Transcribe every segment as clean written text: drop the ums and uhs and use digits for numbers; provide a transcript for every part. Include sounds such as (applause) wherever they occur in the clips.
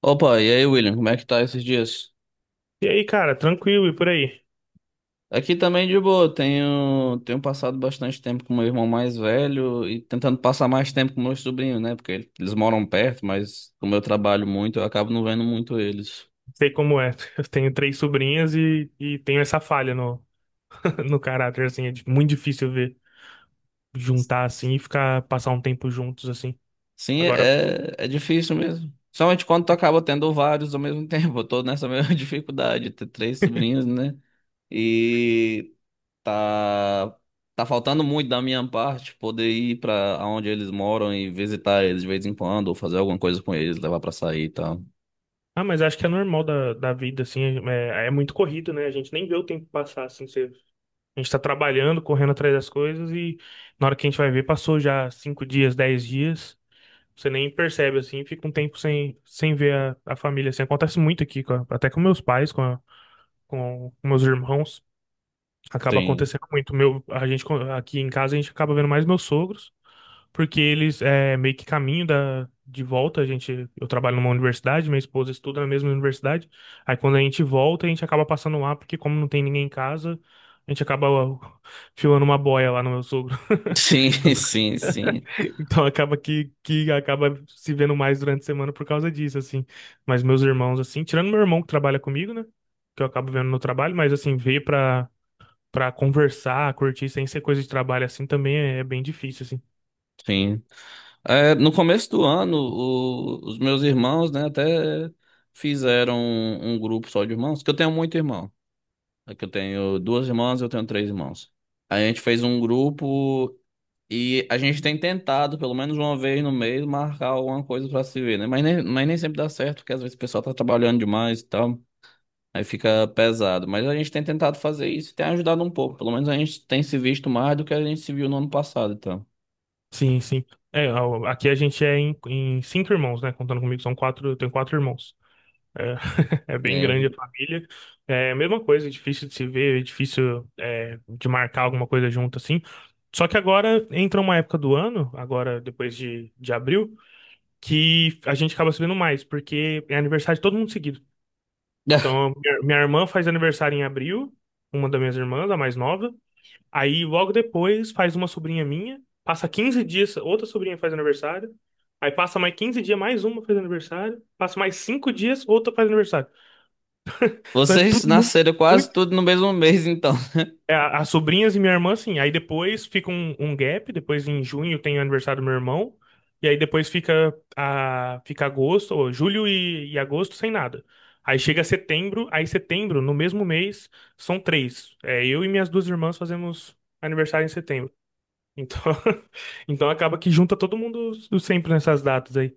Opa, e aí, William, como é que tá esses dias? E aí, cara, tranquilo e por aí? Aqui também de boa, tenho passado bastante tempo com meu irmão mais velho e tentando passar mais tempo com meus sobrinhos, né? Porque eles moram perto, mas como eu trabalho muito, eu acabo não vendo muito eles. Sei como é. (laughs) Eu tenho três sobrinhas e tenho essa falha (laughs) no caráter, assim. Muito difícil ver juntar assim e ficar, passar um tempo juntos, assim. Sim, Agora, é difícil mesmo. Somente quando tu acaba tendo vários ao mesmo (laughs) tempo. Eu tô nessa mesma (laughs) dificuldade, ter três sobrinhos, né? E Tá, tá faltando muito da minha parte poder ir pra onde eles moram e visitar eles de vez em quando, ou fazer alguma coisa com eles, levar pra sair e tal. ah, mas acho que é normal da vida, assim. É muito corrido, né? A gente nem vê o tempo passar, assim. A gente tá trabalhando, correndo atrás das coisas e na hora que a gente vai ver, passou já 5 dias, 10 dias. Você nem percebe, assim, fica um tempo sem ver a família, assim. Acontece muito aqui, até com meus pais, com com meus irmãos. Acaba Sim. acontecendo muito. Aqui em casa a gente acaba vendo mais meus sogros, porque eles é meio que caminho da de volta, a gente, eu trabalho numa universidade, minha esposa estuda na mesma universidade. Aí quando a gente volta, a gente acaba passando lá, porque como não tem ninguém em casa, a gente acaba (laughs) ó, filando uma boia lá no meu sogro. (laughs) Sim, (laughs) sim, sim, Então acaba que acaba se vendo mais durante a semana por causa disso, assim. Mas meus irmãos, assim, tirando meu irmão que trabalha comigo, né? Que eu acabo vendo no trabalho, mas assim, veio pra pra conversar, curtir sem ser coisa de trabalho assim também é bem difícil, assim. sim. É, no começo do ano, os meus irmãos, né, até fizeram um grupo só de irmãos, que eu tenho muito irmão. É que eu tenho duas irmãs, eu tenho três irmãos. A gente fez um grupo. E a gente tem tentado, pelo menos uma vez no mês, marcar alguma coisa pra se ver, né? Mas nem sempre dá certo, porque às vezes o pessoal tá trabalhando demais e tal. Aí fica pesado. Mas a gente tem tentado fazer isso e tem ajudado um pouco. Pelo menos a gente tem se visto mais do que a gente se viu no ano passado, então. Sim, sim. É, ó, aqui a gente é em 5 irmãos, né? Contando comigo, são quatro, eu tenho 4 irmãos. É, (laughs) é bem É. grande a família. É a mesma coisa, é difícil de se ver, é difícil é, de marcar alguma coisa junto, assim. Só que agora entra uma época do ano, agora depois de abril, que a gente acaba sabendo mais, porque é aniversário de todo mundo seguido. Então, (laughs) minha irmã faz aniversário em abril, uma das minhas irmãs, a mais nova. Aí logo depois faz uma sobrinha minha, passa 15 dias, outra sobrinha faz aniversário. Aí passa mais 15 dias, mais uma faz aniversário. Passa mais 5 dias, outra faz aniversário. Então é Vocês tudo muito, nasceram quase muito. tudo no mesmo mês, então. É, as sobrinhas e minha irmã, assim. Aí depois fica um gap, depois em junho tem o aniversário do meu irmão. E aí depois fica, a, fica agosto, ou julho e agosto sem nada. Aí chega setembro, aí setembro, no mesmo mês, são três. É, eu e minhas duas irmãs fazemos aniversário em setembro. Então, (laughs) então acaba que junta todo mundo sempre nessas datas aí.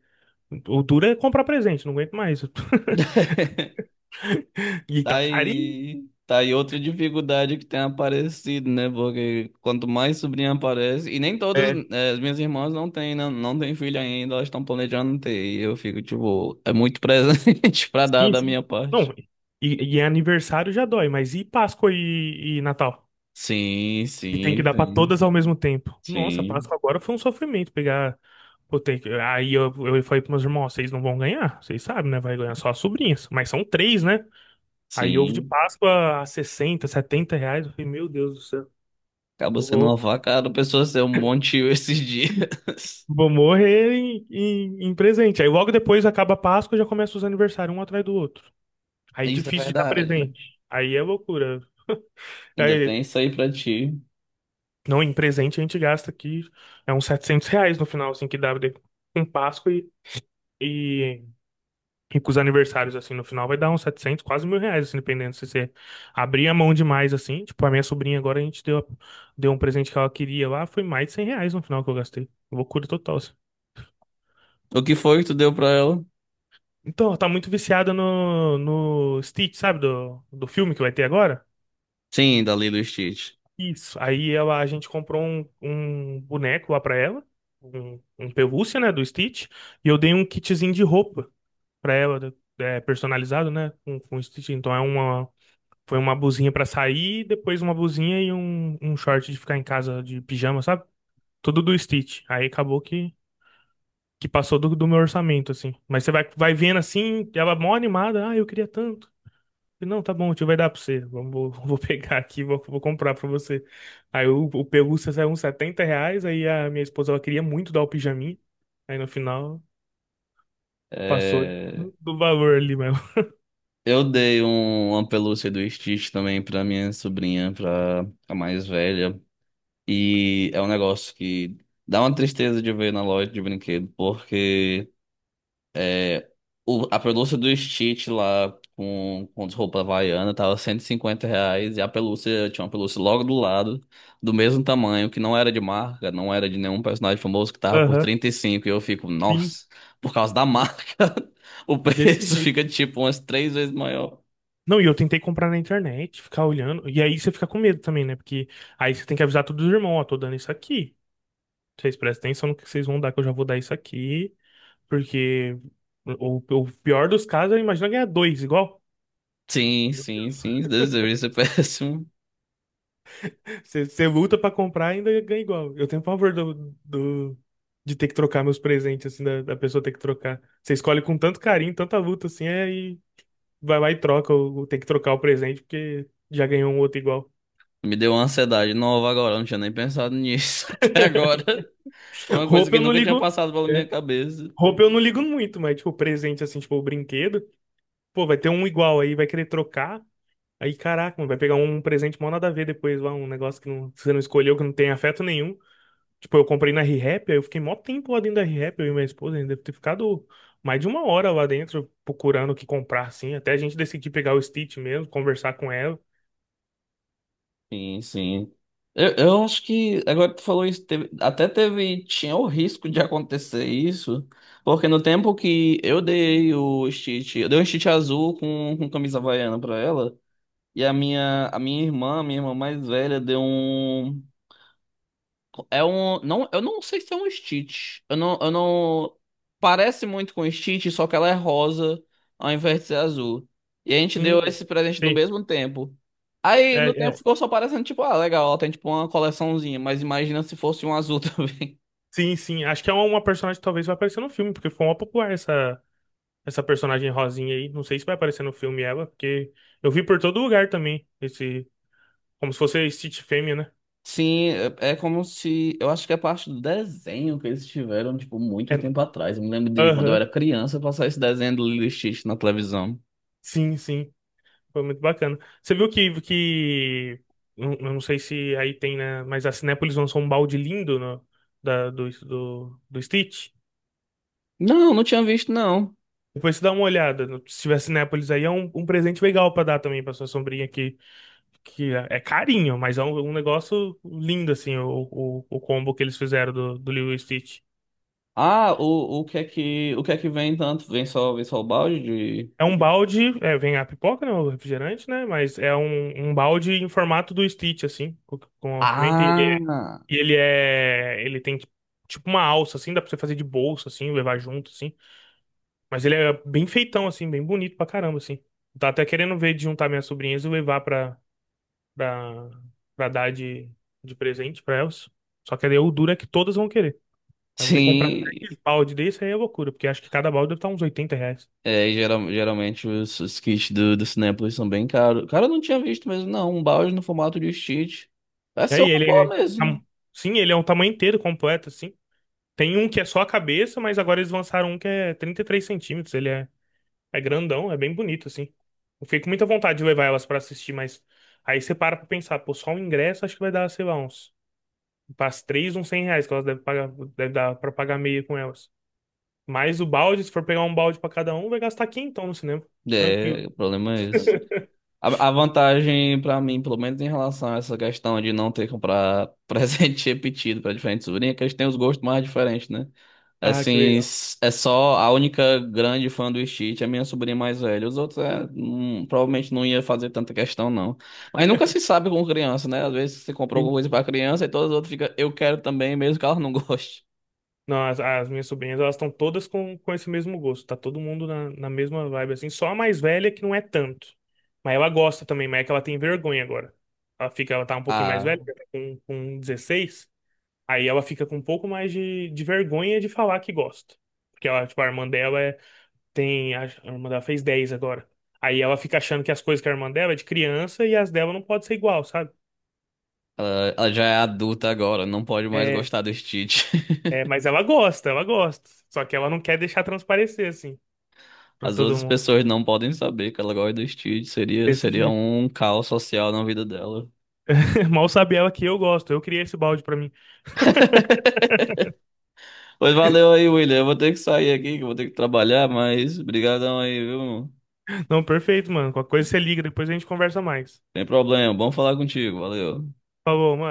O duro é comprar presente, não aguento mais. (laughs) E tá carinho. Tá aí outra dificuldade que tem aparecido, né? Porque quanto mais sobrinha aparece, e nem todas, É, as minhas irmãs não têm, não, não têm filho ainda, elas estão planejando ter, e eu fico, tipo, é muito presente (laughs) pra dar sim, da sim. minha parte. Não, e aniversário já dói, mas e Páscoa e Natal? Sim, E tem que sim, dar pra sim, todas ao mesmo tempo. Nossa, sim, Páscoa agora foi um sofrimento pegar. Pô, aí eu falei pros meus irmãos: "Ó, vocês não vão ganhar, vocês sabem, né? Vai ganhar só as sobrinhas, mas são três, né? Aí ovo de sim. Páscoa a 60 70 reais. Eu falei, meu Deus do céu. Acaba Eu sendo uma vou facada, a pessoa ser um bom tio esses dias. Vou morrer em presente. Aí logo depois acaba a Páscoa e já começa os aniversários um atrás do outro. (laughs) Aí Isso é difícil de dar verdade. presente. Aí é loucura. Ainda Aí, tem isso aí pra ti. não, em presente a gente gasta aqui é uns R$ 700 no final, assim, com Páscoa e, e com os aniversários, assim, no final vai dar uns 700, quase R$ 1.000, assim, dependendo se você abrir a mão demais, assim. Tipo, a minha sobrinha agora a gente deu, deu um presente que ela queria lá, foi mais de R$ 100 no final que eu gastei. Loucura total, assim. O que foi que tu deu pra ela? Então, tá muito viciada no Stitch, sabe? Do filme que vai ter agora. Sim, dali do Stitch. Isso. Aí ela, a gente comprou um boneco lá pra ela, um pelúcia, né, do Stitch, e eu dei um kitzinho de roupa pra ela, é, personalizado, né, com o Stitch. Então é uma, foi uma blusinha pra sair, depois uma blusinha e um short de ficar em casa de pijama, sabe? Tudo do Stitch. Aí acabou que passou do meu orçamento, assim. Mas você vai, vai vendo assim, ela mó animada, ah, eu queria tanto. Não, tá bom, o tio vai dar pra você. Vamos, vou, (laughs) vou pegar aqui, vou, vou comprar pra você. Aí o pelúcia saiu uns R$ 70, aí a minha esposa, ela queria muito dar o pijaminha. Aí no final, passou É. do valor ali mesmo. Eu dei uma pelúcia do Stitch também pra minha sobrinha, pra a mais velha. E é um negócio que dá uma tristeza de ver na loja de brinquedo, porque é, a pelúcia do Stitch lá com as roupas havaiana tava R$ 150 e a pelúcia, tinha uma pelúcia logo do lado, do mesmo tamanho, que não era de marca, não era de nenhum personagem famoso, que (laughs) tava por Aham, 35 e cinco. E eu fico, sim, nossa, por causa da marca, (laughs) o desse preço jeito. fica tipo umas três vezes maior. Não, e eu tentei comprar na internet, ficar olhando. E aí você fica com medo também, né? Porque aí você tem que avisar todos os irmãos, ó, tô dando isso aqui. Vocês prestem atenção no que vocês vão dar, que eu já vou dar isso aqui. Porque o pior dos casos, é imagina ganhar dois igual. Sim, sim, sim. Deus, deveria ser (laughs) péssimo. Você luta pra comprar e ainda ganha igual. Eu tenho pavor de ter que trocar meus presentes, assim, da pessoa ter que trocar. Você escolhe com tanto carinho, tanta luta, assim, aí vai lá e troca, ou tem que trocar o presente porque já ganhou um outro igual. Me deu uma ansiedade nova agora. Eu Não tinha nem pensado nisso (laughs) até agora. Foi (laughs) uma coisa Roupa que eu não nunca tinha ligo. passado pela minha É. cabeça. Roupa eu não ligo muito, mas, tipo, presente, assim, tipo, o brinquedo, pô, vai ter um igual aí, vai querer trocar. Aí, caraca, mano, vai pegar um presente mal nada a ver depois lá, um negócio que, não, que você não escolheu, que não tem afeto nenhum. Tipo, eu comprei na R-Rap, aí eu fiquei mó tempo lá dentro da R-Rap, eu e minha esposa, ainda deve ter ficado mais de 1 hora lá dentro procurando o que comprar, assim, até a gente decidir pegar o Stitch mesmo, conversar com ela. Sim, sim. Eu acho que agora que tu falou isso, tinha o risco de acontecer isso, porque no tempo que eu dei o Stitch, eu dei um Stitch azul com camisa havaiana pra ela, e a minha irmã mais velha, deu um. É um. Não, eu não sei se é um Stitch. Eu não, eu não. Parece muito com Stitch, só que ela é rosa ao invés de ser azul. E a gente deu Hum, esse presente no sim, mesmo tempo. Aí é, no tempo é. ficou só parecendo, tipo, ah, legal, ela tem tipo uma coleçãozinha, mas imagina se fosse um azul (laughs) também. Sim, sim, acho que é uma personagem que talvez vai aparecer no filme, porque foi uma popular essa, essa personagem rosinha aí, não sei se vai aparecer no filme ela, porque eu vi por todo lugar também, esse, como se fosse a Stitch fêmea, né? Sim, é é como se. Eu acho que é parte do desenho que eles tiveram, tipo, É, muito tempo atrás. Eu me lembro de quando eu aham, era criança passar esse desenho do Lilo e Stitch na televisão. sim, sim. Foi muito bacana. Você viu que eu não sei se aí tem, né? Mas a Cinépolis lançou um balde lindo no, do Stitch. Não, não tinha visto, não. Depois você dá uma olhada. Se tiver Cinépolis aí, é um presente legal pra dar também pra sua sombrinha aqui. Que é é carinho, mas é um negócio lindo, assim, o combo que eles fizeram do Lilo e Stitch. Ah, o que é que o que é que vem tanto? Vem só o balde de... É um balde, é, vem a pipoca, né? O refrigerante, né? Mas é um balde em formato do Stitch, assim, com a pimenta. E Ah, ele é. Ele tem tipo uma alça, assim, dá pra você fazer de bolsa, assim, levar junto, assim. Mas ele é bem feitão, assim, bem bonito pra caramba, assim. Tá até querendo ver de juntar minhas sobrinhas e levar pra, pra dar de presente pra elas. Só que aí o duro é que todas vão querer. Aí eu vou ter que comprar sim. três balde desse, aí é loucura, porque acho que cada balde deve estar uns R$ 80. É, geralmente os kits do Cinépolis são bem caros. Cara, eu não tinha visto mesmo, não. Um balde no formato de cheat. Vai E ser aí uma ele boa é. mesmo. Tam- Sim, ele é um tamanho inteiro completo, assim. Tem um que é só a cabeça, mas agora eles lançaram um que é 33 centímetros. Ele é É grandão, é bem bonito, assim. Eu fiquei com muita vontade de levar elas pra assistir, mas aí você para pra pensar, pô, só o ingresso acho que vai dar, sei lá, uns. Para as três, uns R$ 100 que elas devem pagar, deve dar pra pagar meia com elas. Mas o balde, se for pegar um balde pra cada um, vai gastar quinhentão no cinema. Tranquilo. É, o problema é esse. A vantagem pra mim, pelo menos em relação a essa questão de não ter que comprar (laughs) presente repetido pra diferentes sobrinhas, é que eles têm os gostos mais diferentes, né? Ah, que Assim, legal. É só a única grande fã do Stitch, é minha sobrinha mais velha. Os outros é, provavelmente não ia fazer tanta questão, não. Mas nunca se (laughs) sabe com criança, né? Às vezes você comprou Sim. alguma coisa pra criança e todas as outras ficam, eu quero também, mesmo que ela não (laughs) goste. Não, as minhas sobrinhas, elas estão todas com esse mesmo gosto. Tá todo mundo na mesma vibe, assim. Só a mais velha que não é tanto. Mas ela gosta também, mas é que ela tem vergonha agora. Ela fica, ela tá um pouquinho mais Ah, velha, tá com 16. Aí ela fica com um pouco mais de vergonha de falar que gosta. Porque ela, tipo, a irmã dela é, tem. A irmã dela fez 10 agora. Aí ela fica achando que as coisas que a irmã dela é de criança e as dela não pode ser igual, sabe? ela já é adulta agora, não pode mais É, gostar do Stitch. É, (laughs) mas ela gosta, ela gosta. Só que ela não quer deixar transparecer, assim, pra As todo outras mundo. pessoas não podem saber que ela gosta do Stitch. Seria, Desse seria jeito. um caos social na vida dela. (laughs) Mal sabe ela que eu gosto. Eu criei esse balde pra mim. (laughs) Pois valeu aí, William. Eu vou ter que sair aqui, que eu vou ter que trabalhar, mas brigadão aí, viu? Não, perfeito, mano. Qualquer coisa você liga, depois a gente conversa mais. Tem problema, bom falar contigo, valeu. Falou, mano.